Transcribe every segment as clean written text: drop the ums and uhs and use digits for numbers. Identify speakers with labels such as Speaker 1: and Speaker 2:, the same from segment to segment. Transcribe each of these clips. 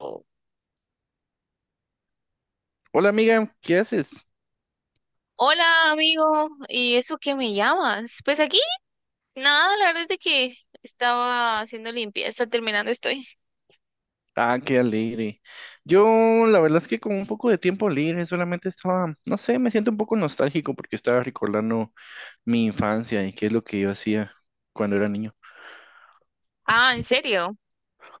Speaker 1: Oh,
Speaker 2: Hola amiga, ¿qué haces?
Speaker 1: hola amigo, ¿y eso qué me llamas? Pues aquí, nada, la verdad es de que estaba haciendo limpieza, terminando estoy.
Speaker 2: Ah, qué alegre. Yo la verdad es que con un poco de tiempo libre solamente estaba, no sé, me siento un poco nostálgico porque estaba recordando mi infancia y qué es lo que yo hacía cuando era niño.
Speaker 1: Ah, ¿en serio?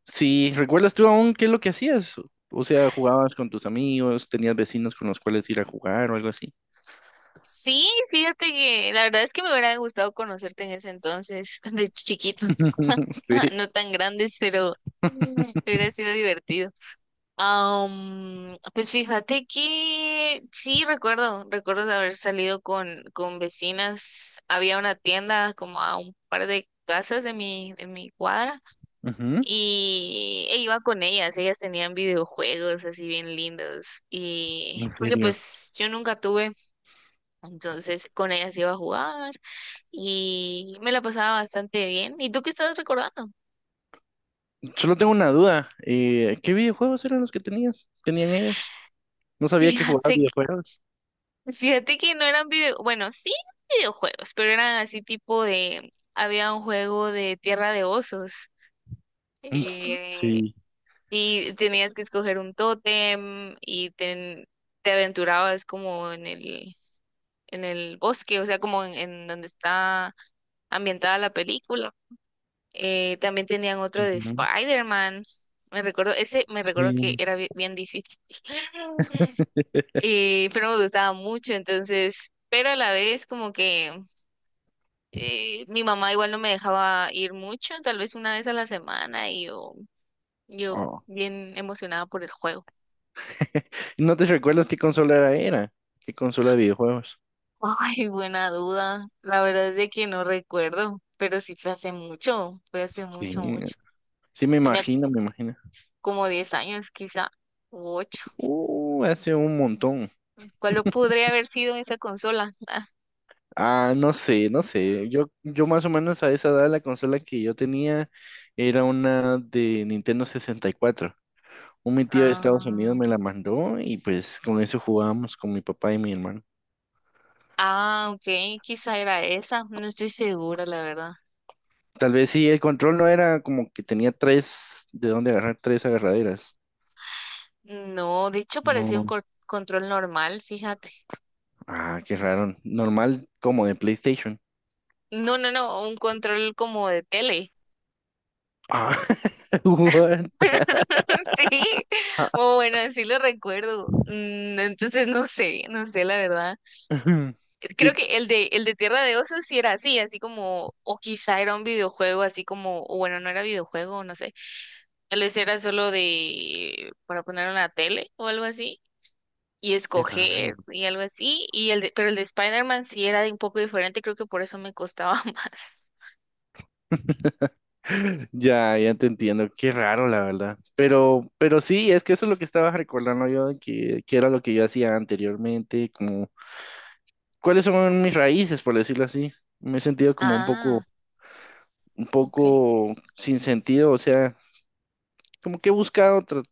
Speaker 2: Sí, ¿recuerdas tú aún qué es lo que hacías? O sea, ¿jugabas con tus amigos? ¿Tenías vecinos con los cuales ir a jugar o algo así?
Speaker 1: Sí, fíjate que la verdad es que me hubiera gustado conocerte en ese entonces, de chiquitos,
Speaker 2: Sí.
Speaker 1: no tan grandes, pero hubiera sido divertido. Pues fíjate que sí, recuerdo de haber salido con vecinas, había una tienda como a un par de casas de mi cuadra.
Speaker 2: Ujú.
Speaker 1: Y iba con ellas, ellas tenían videojuegos así bien lindos y
Speaker 2: En
Speaker 1: porque
Speaker 2: serio.
Speaker 1: pues yo nunca tuve, entonces con ellas iba a jugar y me la pasaba bastante bien. ¿Y tú qué estás recordando?
Speaker 2: Solo tengo una duda. ¿Qué videojuegos eran los que tenías? ¿Tenían ellos? No sabía que jugabas
Speaker 1: Fíjate, que-
Speaker 2: videojuegos.
Speaker 1: Fíjate que no eran video, bueno, sí videojuegos, pero eran así tipo de, había un juego de Tierra de Osos eh,
Speaker 2: Sí.
Speaker 1: y tenías que escoger un tótem y te aventurabas como en el bosque, o sea, como en donde está ambientada la película. También tenían otro de Spider-Man. Me recuerdo, ese, me recuerdo que
Speaker 2: Sí.
Speaker 1: era bien difícil. Pero me gustaba mucho, entonces, pero a la vez como que mi mamá igual no me dejaba ir mucho, tal vez una vez a la semana y yo
Speaker 2: Oh.
Speaker 1: bien emocionada por el juego.
Speaker 2: ¿No te recuerdas qué consola era? ¿Qué consola de videojuegos?
Speaker 1: Ay, buena duda. La verdad es de que no recuerdo, pero sí fue hace
Speaker 2: Sí.
Speaker 1: mucho,
Speaker 2: Sí,
Speaker 1: mucho.
Speaker 2: sí me
Speaker 1: Tenía
Speaker 2: imagino, me imagino.
Speaker 1: como 10 años, quizá, u ocho.
Speaker 2: Hace un montón.
Speaker 1: ¿Cuál lo podría haber sido esa consola?
Speaker 2: Ah, no sé, no sé. Yo más o menos a esa edad la consola que yo tenía era una de Nintendo 64. Un mi tío de Estados Unidos
Speaker 1: Ah,
Speaker 2: me la mandó y pues con eso jugábamos con mi papá y mi hermano.
Speaker 1: ah, ah, ok, quizá era esa, no estoy segura, la verdad.
Speaker 2: Tal vez sí, el control no era como que tenía tres, de dónde agarrar tres agarraderas.
Speaker 1: No, de hecho parecía un
Speaker 2: No.
Speaker 1: control normal, fíjate.
Speaker 2: Ah, qué raro. Normal como de PlayStation.
Speaker 1: No, no, no, un control como de tele.
Speaker 2: Ah, what?
Speaker 1: Sí,
Speaker 2: Ah,
Speaker 1: o bueno, así lo recuerdo. Entonces no sé, no sé la verdad. Creo
Speaker 2: Qué,
Speaker 1: que el de Tierra de Osos sí era así, así como, o quizá era un videojuego, así como, o bueno, no era videojuego, no sé. Tal vez era solo de, para poner una tele o algo así, y
Speaker 2: qué raro.
Speaker 1: escoger y algo así. Y el de, pero el de Spider-Man sí era de un poco diferente, creo que por eso me costaba más.
Speaker 2: Ya, ya te entiendo. Qué raro, la verdad. Pero sí, es que eso es lo que estaba recordando yo de que era lo que yo hacía anteriormente, como cuáles son mis raíces, por decirlo así. Me he sentido como un poco,
Speaker 1: Ah,
Speaker 2: un
Speaker 1: okay.
Speaker 2: poco sin sentido, o sea, como que he buscado,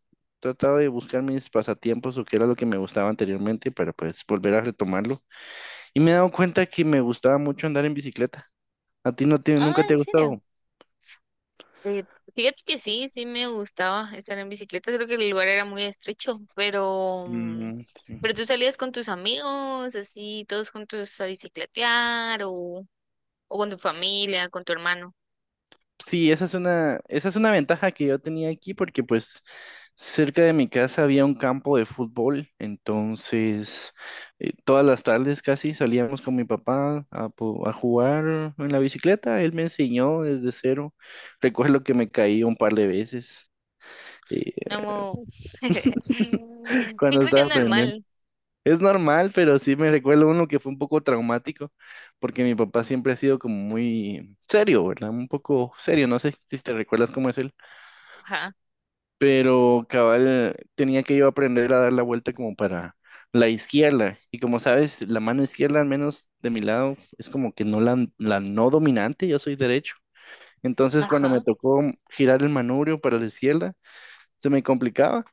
Speaker 2: tratado de buscar mis pasatiempos o qué era lo que me gustaba anteriormente para pues volver a retomarlo. Y me he dado cuenta que me gustaba mucho andar en bicicleta. ¿A ti no te,
Speaker 1: Ah,
Speaker 2: nunca te ha
Speaker 1: ¿en serio?
Speaker 2: gustado?
Speaker 1: Eh, Fíjate que sí, sí me gustaba estar en bicicleta, creo que el lugar era muy estrecho, pero, mm,
Speaker 2: Mm, sí.
Speaker 1: pero tú salías con tus amigos, así, todos juntos a bicicletear, o con tu familia, con tu hermano.
Speaker 2: Sí, esa es una ventaja que yo tenía aquí porque pues cerca de mi casa había un campo de fútbol, entonces todas las tardes casi salíamos con mi papá a, a jugar en la bicicleta, él me enseñó desde cero, recuerdo que me caí un par de veces eh,
Speaker 1: No, yo
Speaker 2: cuando
Speaker 1: creo que
Speaker 2: estaba
Speaker 1: es
Speaker 2: aprendiendo.
Speaker 1: normal.
Speaker 2: Es normal, pero sí me recuerdo uno que fue un poco traumático, porque mi papá siempre ha sido como muy serio, ¿verdad? Un poco serio, no sé si te recuerdas cómo es él,
Speaker 1: Ajá.
Speaker 2: pero cabal tenía que yo aprender a dar la vuelta como para la izquierda, y como sabes, la mano izquierda, al menos de mi lado, es como que no la no dominante, yo soy derecho. Entonces, cuando me
Speaker 1: Ajá.
Speaker 2: tocó girar el manubrio para la izquierda, se me complicaba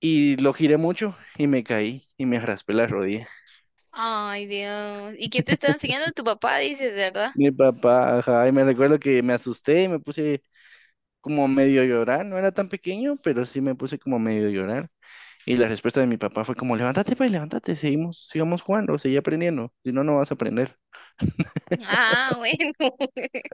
Speaker 2: y lo giré mucho y me caí y me raspé la rodilla.
Speaker 1: Ay, Dios. ¿Y quién te estaba enseñando? Tu papá, dices, ¿verdad?
Speaker 2: Mi papá, ajá, y me recuerdo que me asusté y me puse como medio a llorar, no era tan pequeño, pero sí me puse como medio a llorar. Y la respuesta de mi papá fue como, levántate, pues, levántate, seguimos, sigamos jugando, seguí aprendiendo, si no, no vas a aprender.
Speaker 1: Ah, bueno.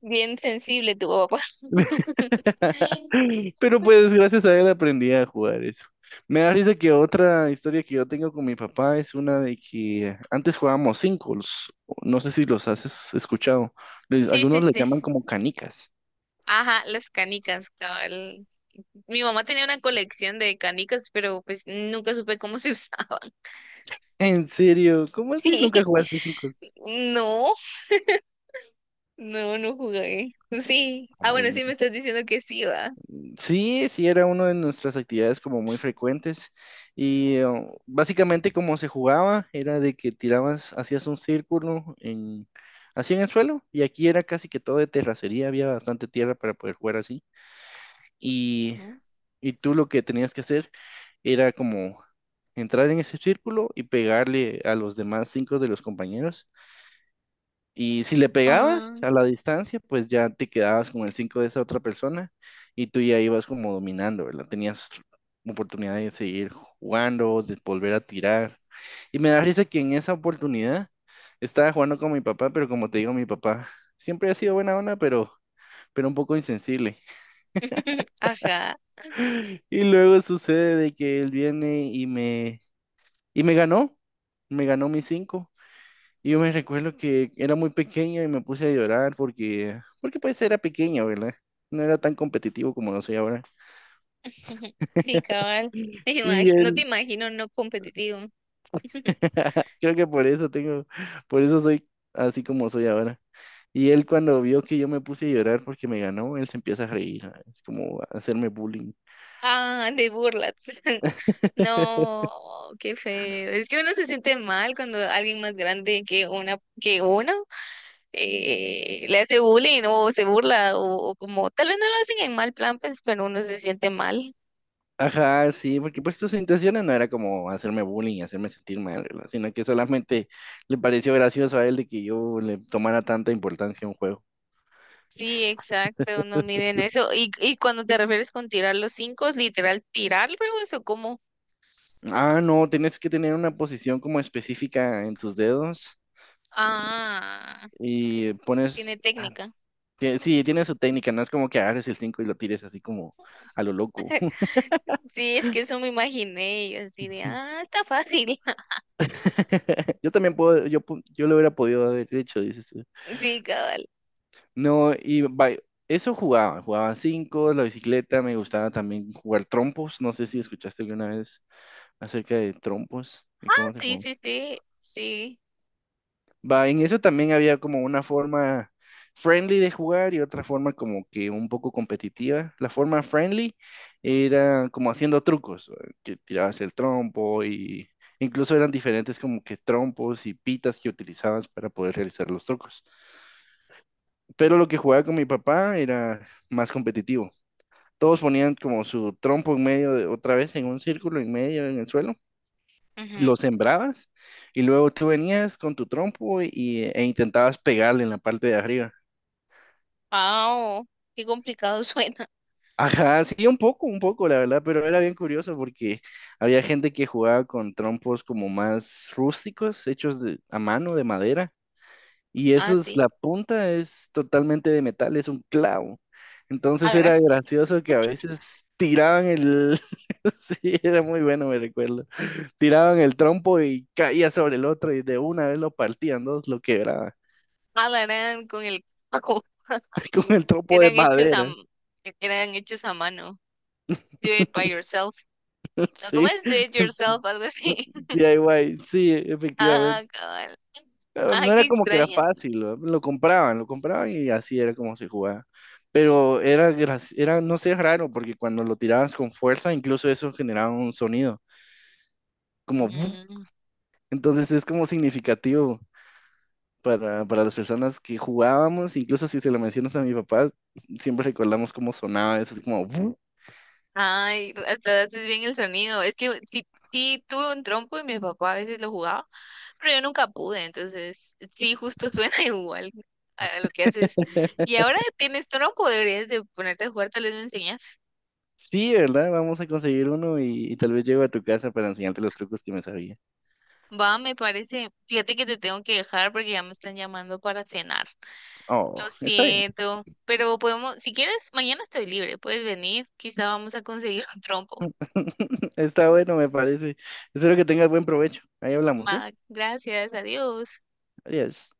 Speaker 1: Bien sensible tu papá.
Speaker 2: Pero pues gracias a él aprendí a jugar eso. Me da risa que otra historia que yo tengo con mi papá es una de que antes jugábamos cinco, no sé si los has escuchado,
Speaker 1: Sí,
Speaker 2: algunos
Speaker 1: sí,
Speaker 2: le
Speaker 1: sí.
Speaker 2: llaman como canicas.
Speaker 1: Ajá, las canicas, cabal. Mi mamá tenía una colección de canicas, pero pues nunca supe cómo se usaban.
Speaker 2: ¿En serio? ¿Cómo así nunca
Speaker 1: Sí,
Speaker 2: jugaste cinco?
Speaker 1: no, no, no jugué. Sí. Ah, bueno,
Speaker 2: Ay, no.
Speaker 1: sí me estás diciendo que sí, va.
Speaker 2: Sí, sí era una de nuestras actividades como muy frecuentes y básicamente como se jugaba era de que tirabas, hacías un círculo en, así en el suelo y aquí era casi que todo de terracería, había bastante tierra para poder jugar así y,
Speaker 1: Ujú.
Speaker 2: y tú lo que tenías que hacer era como entrar en ese círculo y pegarle a los demás cinco de los compañeros. Y si le pegabas
Speaker 1: Ah,
Speaker 2: a la distancia, pues ya te quedabas con el 5 de esa otra persona y tú ya ibas como dominando, ¿verdad? Tenías oportunidad de seguir jugando, de volver a tirar. Y me da risa que en esa oportunidad estaba jugando con mi papá, pero como te digo, mi papá siempre ha sido buena onda, pero un poco insensible.
Speaker 1: ajá.
Speaker 2: Y luego sucede de que él viene y y me ganó mis cinco. Y yo me recuerdo que era muy pequeño y me puse a llorar porque, porque pues era pequeño, ¿verdad? No era tan competitivo como lo soy ahora.
Speaker 1: Sí, cabal.
Speaker 2: Y
Speaker 1: No te
Speaker 2: él,
Speaker 1: imagino no competitivo.
Speaker 2: creo que por eso tengo, por eso soy así como soy ahora. Y él cuando vio que yo me puse a llorar porque me ganó, él se empieza a reír, ¿no? Es como a hacerme bullying.
Speaker 1: Ah, de burlas. No, qué feo. Es que uno se siente mal cuando alguien más grande que uno le hace bullying o se burla o como tal vez no lo hacen en mal plan, pues, pero uno se siente mal.
Speaker 2: Ajá, sí, porque pues sus intenciones no era como hacerme bullying, hacerme sentir mal, ¿verdad? Sino que solamente le pareció gracioso a él de que yo le tomara tanta importancia a un juego.
Speaker 1: Sí, exacto, no miden eso. Y cuando te refieres con tirar los cinco, ¿es literal tirarlos o cómo?
Speaker 2: Ah, no, tienes que tener una posición como específica en tus dedos
Speaker 1: ah,
Speaker 2: y
Speaker 1: es-
Speaker 2: pones...
Speaker 1: Tiene
Speaker 2: ah,
Speaker 1: técnica.
Speaker 2: sí, tiene su técnica, no es como que agarres el 5 y lo tires así como a lo loco.
Speaker 1: Sí, es que eso me imaginé y así de, ah, está fácil.
Speaker 2: Yo también puedo, yo, yo lo hubiera podido haber hecho, dices tú.
Speaker 1: Sí, cabal.
Speaker 2: No, y eso jugaba, jugaba cinco, la bicicleta, me gustaba también jugar trompos, no sé si escuchaste alguna vez acerca de trompos y
Speaker 1: Ah,
Speaker 2: cómo se...
Speaker 1: sí, sí, sí, sí.
Speaker 2: Va, en eso también había como una forma friendly de jugar y otra forma como que un poco competitiva. La forma friendly era como haciendo trucos, ¿va? Que tirabas el trompo y incluso eran diferentes como que trompos y pitas que utilizabas para poder realizar los trucos. Pero lo que jugaba con mi papá era más competitivo. Todos ponían como su trompo en medio de, otra vez en un círculo en medio en el suelo,
Speaker 1: Ujú.
Speaker 2: lo sembrabas y luego tú venías con tu trompo y, e intentabas pegarle en la parte de arriba.
Speaker 1: Ah, oh, qué complicado suena.
Speaker 2: Ajá, sí, un poco, la verdad, pero era bien curioso porque había gente que jugaba con trompos como más rústicos, hechos de, a mano, de madera, y
Speaker 1: Ah,
Speaker 2: eso es,
Speaker 1: sí.
Speaker 2: la punta es totalmente de metal, es un clavo.
Speaker 1: A
Speaker 2: Entonces
Speaker 1: ver.
Speaker 2: era gracioso que a veces tiraban el, sí, era muy bueno, me recuerdo, tiraban el trompo y caía sobre el otro y de una vez lo partían dos, lo quebraban.
Speaker 1: Eran con el coco.
Speaker 2: Con el tropo de
Speaker 1: Eran hechos a,
Speaker 2: madera,
Speaker 1: eran hechos a mano. Do it by yourself. No, ¿cómo
Speaker 2: sí,
Speaker 1: es? Do it yourself, algo así.
Speaker 2: DIY, sí, efectivamente.
Speaker 1: Ah, cabal.
Speaker 2: No
Speaker 1: Ay,
Speaker 2: era
Speaker 1: qué
Speaker 2: como que era
Speaker 1: extraño.
Speaker 2: fácil, lo compraban y así era como se jugaba. Pero era, era, no sé, raro, porque cuando lo tirabas con fuerza, incluso eso generaba un sonido, como, ¡buf!
Speaker 1: Mm.
Speaker 2: Entonces es como significativo para las personas que jugábamos, incluso si se lo mencionas a mi papá, siempre recordamos cómo sonaba eso, es como, ¡buf!
Speaker 1: Ay, hasta haces bien el sonido. Es que sí, sí tuve un trompo y mi papá a veces lo jugaba, pero yo nunca pude, entonces sí, justo suena igual a lo que haces. Y ahora tienes trompo, deberías de ponerte a jugar, tal vez me enseñas.
Speaker 2: Sí, ¿verdad? Vamos a conseguir uno y tal vez llego a tu casa para enseñarte los trucos que me sabía.
Speaker 1: Va, me parece. Fíjate que te tengo que dejar porque ya me están llamando para cenar.
Speaker 2: Oh,
Speaker 1: Lo
Speaker 2: está bien.
Speaker 1: siento, pero podemos, si quieres, mañana estoy libre, puedes venir, quizá vamos a conseguir un trompo.
Speaker 2: Está bueno, me parece. Espero que tengas buen provecho. Ahí hablamos, ¿sí?
Speaker 1: Va, gracias, adiós.
Speaker 2: Adiós.